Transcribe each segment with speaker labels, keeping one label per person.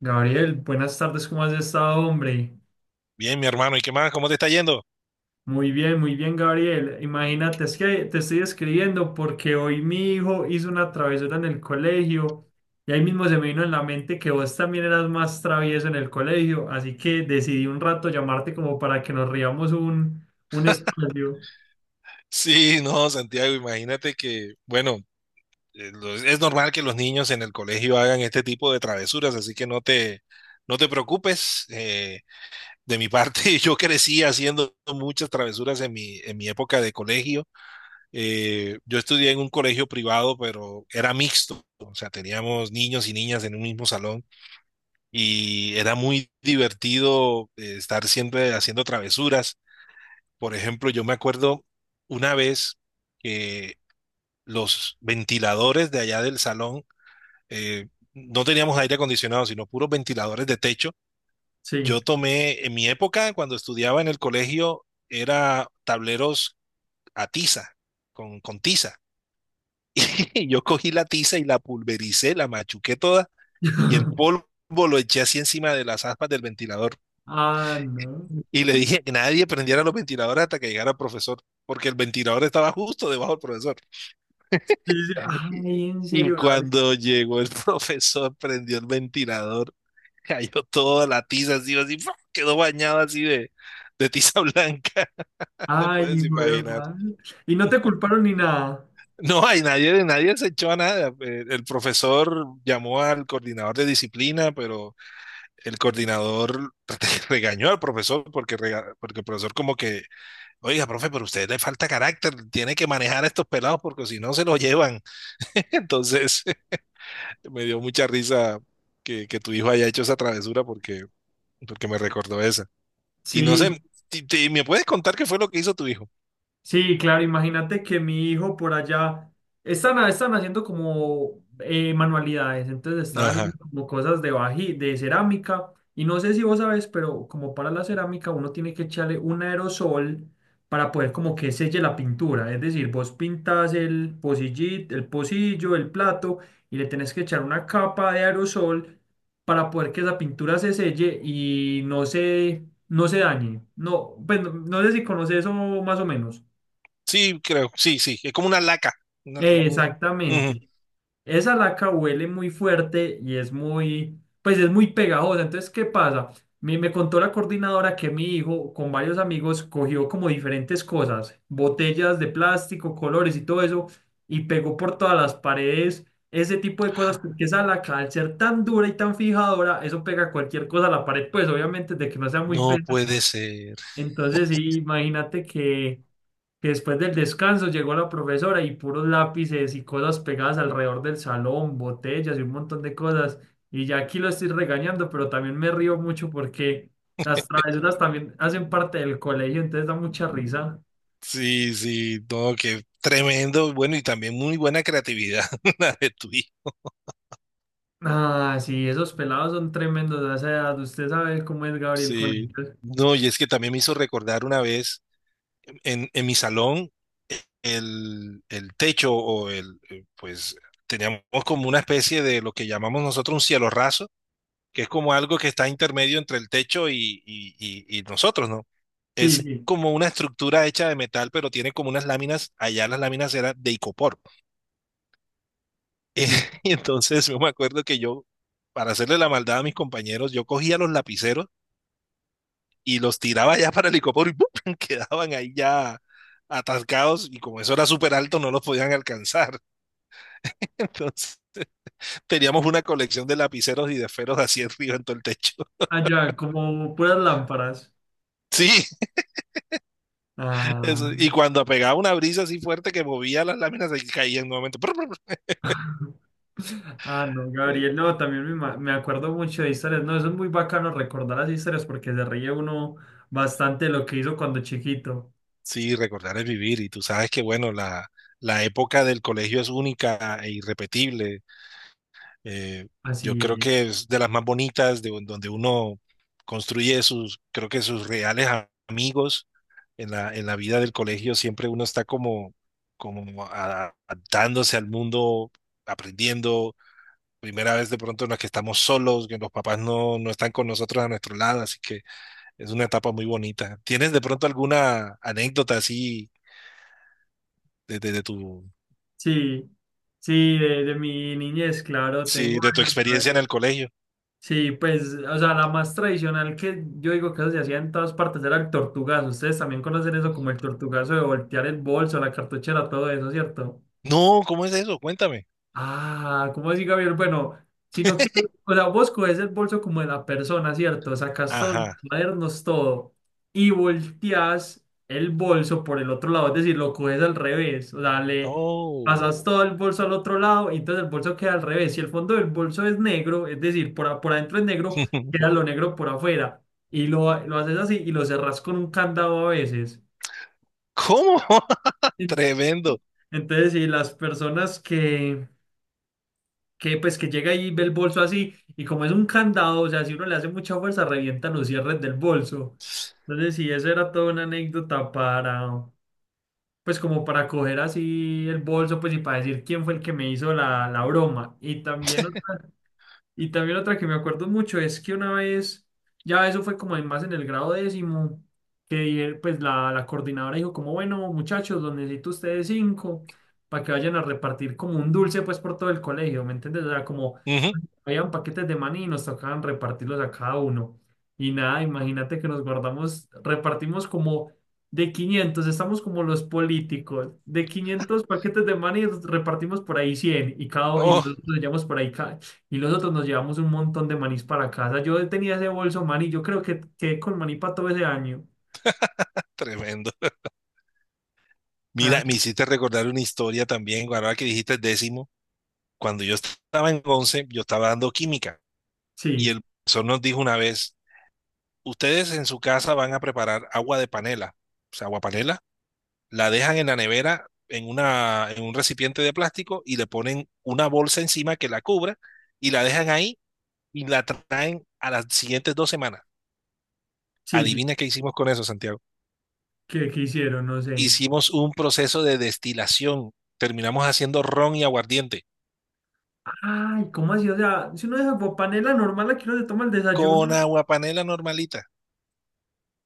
Speaker 1: Gabriel, buenas tardes, ¿cómo has estado, hombre?
Speaker 2: Bien, mi hermano, ¿y qué más? ¿Cómo te está yendo?
Speaker 1: Muy bien, Gabriel. Imagínate, es que te estoy escribiendo porque hoy mi hijo hizo una travesura en el colegio y ahí mismo se me vino en la mente que vos también eras más travieso en el colegio, así que decidí un rato llamarte como para que nos riamos un espacio.
Speaker 2: Sí, no, Santiago, imagínate que, bueno, es normal que los niños en el colegio hagan este tipo de travesuras, así que no te preocupes. De mi parte, yo crecí haciendo muchas travesuras en mi época de colegio. Yo estudié en un colegio privado, pero era mixto, o sea, teníamos niños y niñas en un mismo salón y era muy divertido, estar siempre haciendo travesuras. Por ejemplo, yo me acuerdo una vez que los ventiladores de allá del salón, eh, no teníamos aire acondicionado, sino puros ventiladores de techo.
Speaker 1: Sí.
Speaker 2: Yo tomé, en mi época, cuando estudiaba en el colegio, era tableros a tiza, con tiza. Yo cogí la tiza y la pulvericé, la machuqué toda y el polvo lo eché así encima de las aspas del ventilador.
Speaker 1: Ah, no.
Speaker 2: Y le dije que nadie prendiera los ventiladores hasta que llegara el profesor, porque el ventilador estaba justo debajo del profesor.
Speaker 1: Sí, sí.
Speaker 2: Y
Speaker 1: Ay, en
Speaker 2: y
Speaker 1: serio, Gabriel.
Speaker 2: cuando llegó el profesor, prendió el ventilador, cayó toda la tiza así, así, ¡fua! Quedó bañado así de tiza blanca, te
Speaker 1: Ay,
Speaker 2: puedes
Speaker 1: hijo de
Speaker 2: imaginar.
Speaker 1: madre. Y no te culparon ni nada.
Speaker 2: No, hay nadie, nadie se echó a nada. El profesor llamó al coordinador de disciplina, pero el coordinador regañó al profesor porque el profesor como que, oiga, profe, pero a usted le falta carácter, tiene que manejar a estos pelados porque si no se los llevan. Entonces... Me dio mucha risa que tu hijo haya hecho esa travesura porque me recordó esa. Y no
Speaker 1: Sí.
Speaker 2: sé, ¿me puedes contar qué fue lo que hizo tu hijo?
Speaker 1: Sí, claro, imagínate que mi hijo por allá están haciendo como manualidades, entonces está haciendo
Speaker 2: Ajá.
Speaker 1: como cosas de baji, de cerámica, y no sé si vos sabes, pero como para la cerámica uno tiene que echarle un aerosol para poder como que selle la pintura, es decir, vos pintas el el pocillo, el plato, y le tenés que echar una capa de aerosol para poder que esa pintura se selle y no no se dañe. No, pues no sé si conoces eso más o menos.
Speaker 2: Sí, creo, sí, sí. Es como una laca. Una- un- Ujú.
Speaker 1: Exactamente. Esa laca huele muy fuerte y es muy, pues es muy pegajosa. Entonces, ¿qué pasa? Me contó la coordinadora que mi hijo con varios amigos cogió como diferentes cosas, botellas de plástico, colores y todo eso, y pegó por todas las paredes ese tipo de cosas, porque esa laca, al ser tan dura y tan fijadora, eso pega cualquier cosa a la pared, pues obviamente de que no sea muy
Speaker 2: No puede
Speaker 1: pesada.
Speaker 2: ser.
Speaker 1: Entonces, sí, imagínate que después del descanso llegó la profesora y puros lápices y cosas pegadas alrededor del salón, botellas y un montón de cosas. Y ya aquí lo estoy regañando, pero también me río mucho porque las travesuras también hacen parte del colegio, entonces da mucha risa.
Speaker 2: Sí, sí, no, qué tremendo. Bueno, y también muy buena creatividad la de tu hijo.
Speaker 1: Ah, sí, esos pelados son tremendos a esa edad. Usted sabe cómo es Gabriel con
Speaker 2: Sí.
Speaker 1: ellos.
Speaker 2: No, y es que también me hizo recordar una vez en mi salón. El techo o el pues teníamos como una especie de lo que llamamos nosotros un cielo raso, que es como algo que está intermedio entre el techo y nosotros, ¿no?
Speaker 1: Sí,
Speaker 2: Es
Speaker 1: sí,
Speaker 2: como una estructura hecha de metal, pero tiene como unas láminas, allá las láminas eran de icopor. Eh,
Speaker 1: sí.
Speaker 2: y entonces yo me acuerdo que yo, para hacerle la maldad a mis compañeros, yo cogía los lapiceros y los tiraba ya para el icopor y ¡pum! Quedaban ahí ya atascados y como eso era súper alto, no los podían alcanzar. Entonces... teníamos una colección de lapiceros y de esferos así arriba en todo el techo.
Speaker 1: Allá, como puras lámparas.
Speaker 2: Sí,
Speaker 1: Ah.
Speaker 2: eso. Y cuando pegaba una brisa así fuerte que movía las láminas, se caían nuevamente.
Speaker 1: Ah, no, Gabriel, no, también me acuerdo mucho de historias, no, eso es muy bacano recordar las historias porque se ríe uno bastante de lo que hizo cuando chiquito,
Speaker 2: Sí, recordar es vivir y tú sabes que, bueno, la época del colegio es única e irrepetible. Eh, yo
Speaker 1: así,
Speaker 2: creo
Speaker 1: es.
Speaker 2: que es de las más bonitas, donde uno construye sus, creo que sus reales amigos en la vida del colegio, siempre uno está como, adaptándose al mundo, aprendiendo, primera vez de pronto en la que estamos solos, que los papás no están con nosotros a nuestro lado, así que es una etapa muy bonita. ¿Tienes de pronto alguna anécdota así de tu,
Speaker 1: Sí, sí, de mi niñez, claro,
Speaker 2: sí,
Speaker 1: tengo
Speaker 2: de tu
Speaker 1: varias,
Speaker 2: experiencia en
Speaker 1: Gabriel.
Speaker 2: el colegio?
Speaker 1: Sí, pues, o sea, la más tradicional que yo digo que eso se hacía en todas partes era el tortugazo, ustedes también conocen eso como el tortugazo de voltear el bolso, la cartuchera, todo eso, ¿cierto?
Speaker 2: No, ¿cómo es eso? Cuéntame.
Speaker 1: Ah, ¿cómo así, Gabriel? Bueno, sino que, o sea, vos coges el bolso como de la persona, ¿cierto? Sacas todos los
Speaker 2: Ajá.
Speaker 1: cuadernos, todo, y volteas el bolso por el otro lado, es decir, lo coges al revés, o sea, le
Speaker 2: Oh.
Speaker 1: pasas todo el bolso al otro lado, y entonces el bolso queda al revés. Si el fondo del bolso es negro, es decir, por adentro es negro, queda lo negro por afuera, y lo haces así y lo cerrás con un candado a veces.
Speaker 2: ¿Cómo?
Speaker 1: En-
Speaker 2: Tremendo.
Speaker 1: Entonces, si las personas que pues que llega ahí y ve el bolso así, y como es un candado, o sea, si uno le hace mucha fuerza, revienta los cierres del bolso. Entonces, sí, eso era toda una anécdota para, pues como para coger así el bolso, pues y para decir quién fue el que me hizo la broma. Y también otra que me acuerdo mucho es que una vez, ya eso fue como en más en el grado décimo, que pues la coordinadora dijo como, bueno, muchachos, los necesito ustedes cinco para que vayan a repartir como un dulce pues por todo el colegio, ¿me entiendes? O sea, como
Speaker 2: Ujú.
Speaker 1: habían paquetes de maní y nos tocaban repartirlos a cada uno. Y nada, imagínate que nos guardamos, repartimos como de 500 estamos como los políticos, de 500 paquetes de maní repartimos por ahí 100 y cada y los
Speaker 2: Oh,
Speaker 1: otros llevamos por ahí y nosotros nos llevamos un montón de manís para casa. Yo tenía ese bolso maní, yo creo que quedé con maní para todo ese año.
Speaker 2: tremendo. Mira,
Speaker 1: Ay.
Speaker 2: me hiciste recordar una historia también, ahora que dijiste décimo, cuando yo estaba en 11 yo estaba dando química y
Speaker 1: Sí,
Speaker 2: el profesor nos dijo una vez, ustedes en su casa van a preparar agua de panela, o sea, agua panela, la dejan en la nevera en un recipiente de plástico y le ponen una bolsa encima que la cubra y la dejan ahí y la traen a las siguientes dos semanas.
Speaker 1: sí, sí.
Speaker 2: Adivina qué hicimos con eso, Santiago.
Speaker 1: ¿Qué, qué hicieron? No sé.
Speaker 2: Hicimos un proceso de destilación. Terminamos haciendo ron y aguardiente
Speaker 1: Ay, ¿cómo así? O sea, si uno de esas panela normal aquí uno se toma el
Speaker 2: con
Speaker 1: desayuno,
Speaker 2: agua panela normalita.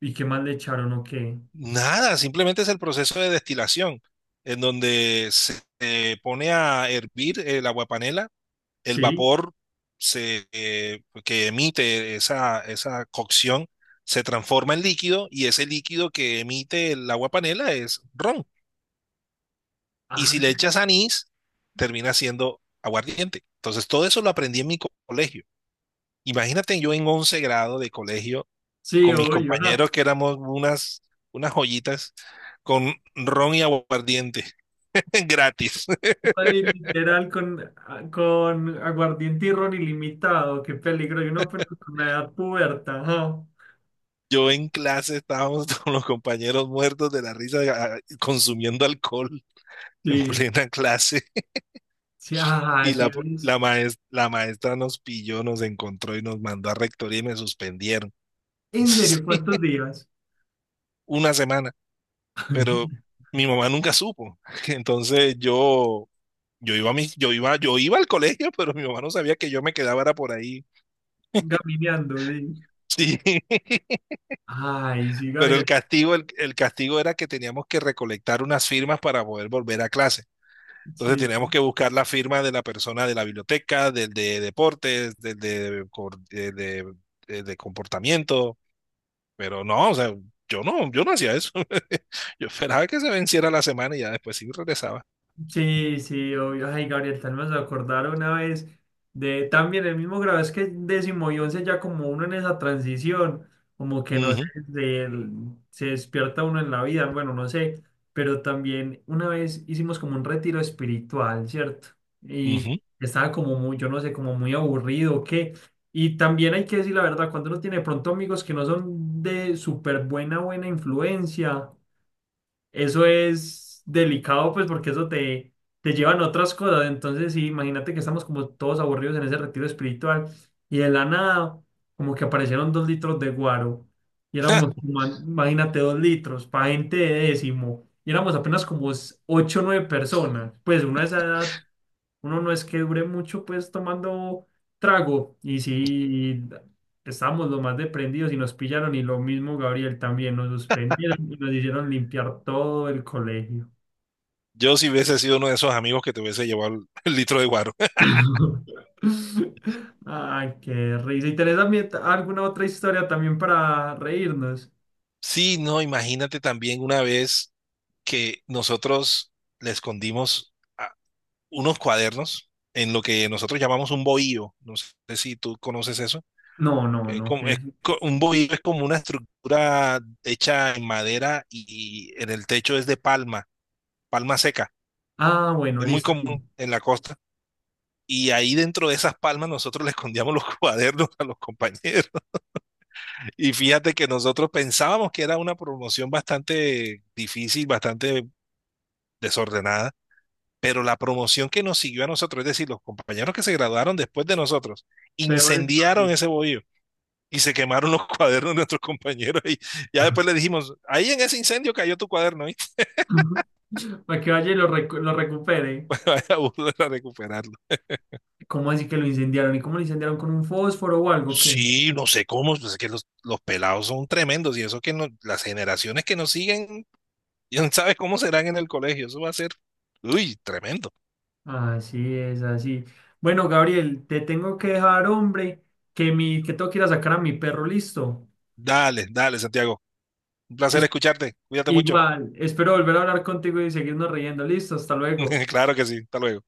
Speaker 1: ¿y qué más le echaron o qué?
Speaker 2: Nada, simplemente es el proceso de destilación en donde se pone a hervir el aguapanela, el
Speaker 1: Sí.
Speaker 2: vapor se, que emite esa, esa cocción, se transforma en líquido y ese líquido que emite el agua panela es ron. Y
Speaker 1: Ah,
Speaker 2: si le echas anís, termina siendo aguardiente. Entonces, todo eso lo aprendí en mi colegio. Imagínate yo en 11 grado de colegio
Speaker 1: sí,
Speaker 2: con mis
Speaker 1: obvio. Ja.
Speaker 2: compañeros que éramos unas joyitas con ron y aguardiente gratis.
Speaker 1: Ay, literal con, ah, con aguardiente y ron ilimitado. Qué peligro. Yo no puedo con la edad puberta. Ajá.
Speaker 2: Yo en clase estábamos con los compañeros muertos de la risa ah, consumiendo alcohol en
Speaker 1: Sí,
Speaker 2: plena clase.
Speaker 1: sí, ah,
Speaker 2: Y
Speaker 1: sí.
Speaker 2: la maestra nos pilló, nos encontró y nos mandó a rectoría y me suspendieron.
Speaker 1: En serio,
Speaker 2: Sí,
Speaker 1: ¿cuántos días?
Speaker 2: una semana, pero mi mamá nunca supo. Entonces yo iba a mi, yo iba al colegio, pero mi mamá no sabía que yo me quedaba era por ahí.
Speaker 1: Gamineando, sí.
Speaker 2: Sí,
Speaker 1: Ay, sí,
Speaker 2: pero
Speaker 1: Gabriel.
Speaker 2: el castigo era que teníamos que recolectar unas firmas para poder volver a clase. Entonces
Speaker 1: Sí,
Speaker 2: teníamos
Speaker 1: sí.
Speaker 2: que buscar la firma de la persona de la biblioteca, del de deportes, del de, cor- de comportamiento, pero no, o sea, yo no hacía eso. Yo esperaba que se venciera la semana y ya después sí regresaba.
Speaker 1: Sí, sí, obvio. Ay, Gabriel, tal vez me vas acordar una vez de también el mismo grado, es que décimo y once ya como uno en esa transición, como que no sé,
Speaker 2: Ujú,
Speaker 1: de- se despierta uno en la vida, bueno, no sé, pero también una vez hicimos como un retiro espiritual, ¿cierto? Y
Speaker 2: ujú.
Speaker 1: estaba como muy, yo no sé, como muy aburrido, o ¿qué? Y también hay que decir la verdad, cuando uno tiene de pronto amigos que no son de súper buena influencia. Eso es delicado, pues, porque eso te llevan a otras cosas. Entonces, sí, imagínate que estamos como todos aburridos en ese retiro espiritual y de la nada, como que aparecieron dos litros de guaro y éramos, imagínate, dos litros para gente de décimo y éramos apenas como ocho o nueve personas. Pues uno a esa edad uno no es que dure mucho pues tomando trago y si estábamos lo más deprendidos y nos pillaron y lo mismo Gabriel también nos suspendieron y nos hicieron limpiar todo el colegio.
Speaker 2: Yo si hubiese sido uno de esos amigos que te hubiese llevado el litro de guaro.
Speaker 1: Ay, qué risa. ¿Y tenés también alguna otra historia también para reírnos?
Speaker 2: Sí, no, imagínate también una vez que nosotros le escondimos a- unos cuadernos en lo que nosotros llamamos un bohío. No sé si tú conoces eso.
Speaker 1: No, no,
Speaker 2: Es
Speaker 1: no,
Speaker 2: como,
Speaker 1: que
Speaker 2: un bohío es como una estructura hecha en madera y en el techo es de palma, palma seca.
Speaker 1: Ah, bueno,
Speaker 2: Es muy
Speaker 1: listo. Sí.
Speaker 2: común en la costa. Y ahí dentro de esas palmas nosotros le escondíamos los cuadernos a los compañeros. Y fíjate que nosotros pensábamos que era una promoción bastante difícil, bastante desordenada, pero la promoción que nos siguió a nosotros, es decir, los compañeros que se graduaron después de nosotros,
Speaker 1: Peor historia.
Speaker 2: incendiaron ese bohío. Y se quemaron los cuadernos de nuestros compañeros y ya después le dijimos, ahí en ese incendio cayó tu cuaderno y
Speaker 1: Para que vaya y lo recupere.
Speaker 2: vaya a volver a recuperarlo.
Speaker 1: ¿Cómo así que lo incendiaron? ¿Y cómo lo incendiaron con un fósforo o algo? ¿Qué?
Speaker 2: Sí, no sé cómo, pues es que los pelados son tremendos y eso que las generaciones que nos siguen, ya no sabes cómo serán en el colegio, eso va a ser, uy, tremendo.
Speaker 1: Así es, así. Bueno, Gabriel, te tengo que dejar, hombre, que mi, que tengo que ir a sacar a mi perro, listo.
Speaker 2: Dale, dale, Santiago, un placer
Speaker 1: Es
Speaker 2: escucharte, cuídate mucho.
Speaker 1: igual, espero volver a hablar contigo y seguirnos riendo, listo, hasta luego.
Speaker 2: Claro que sí, hasta luego.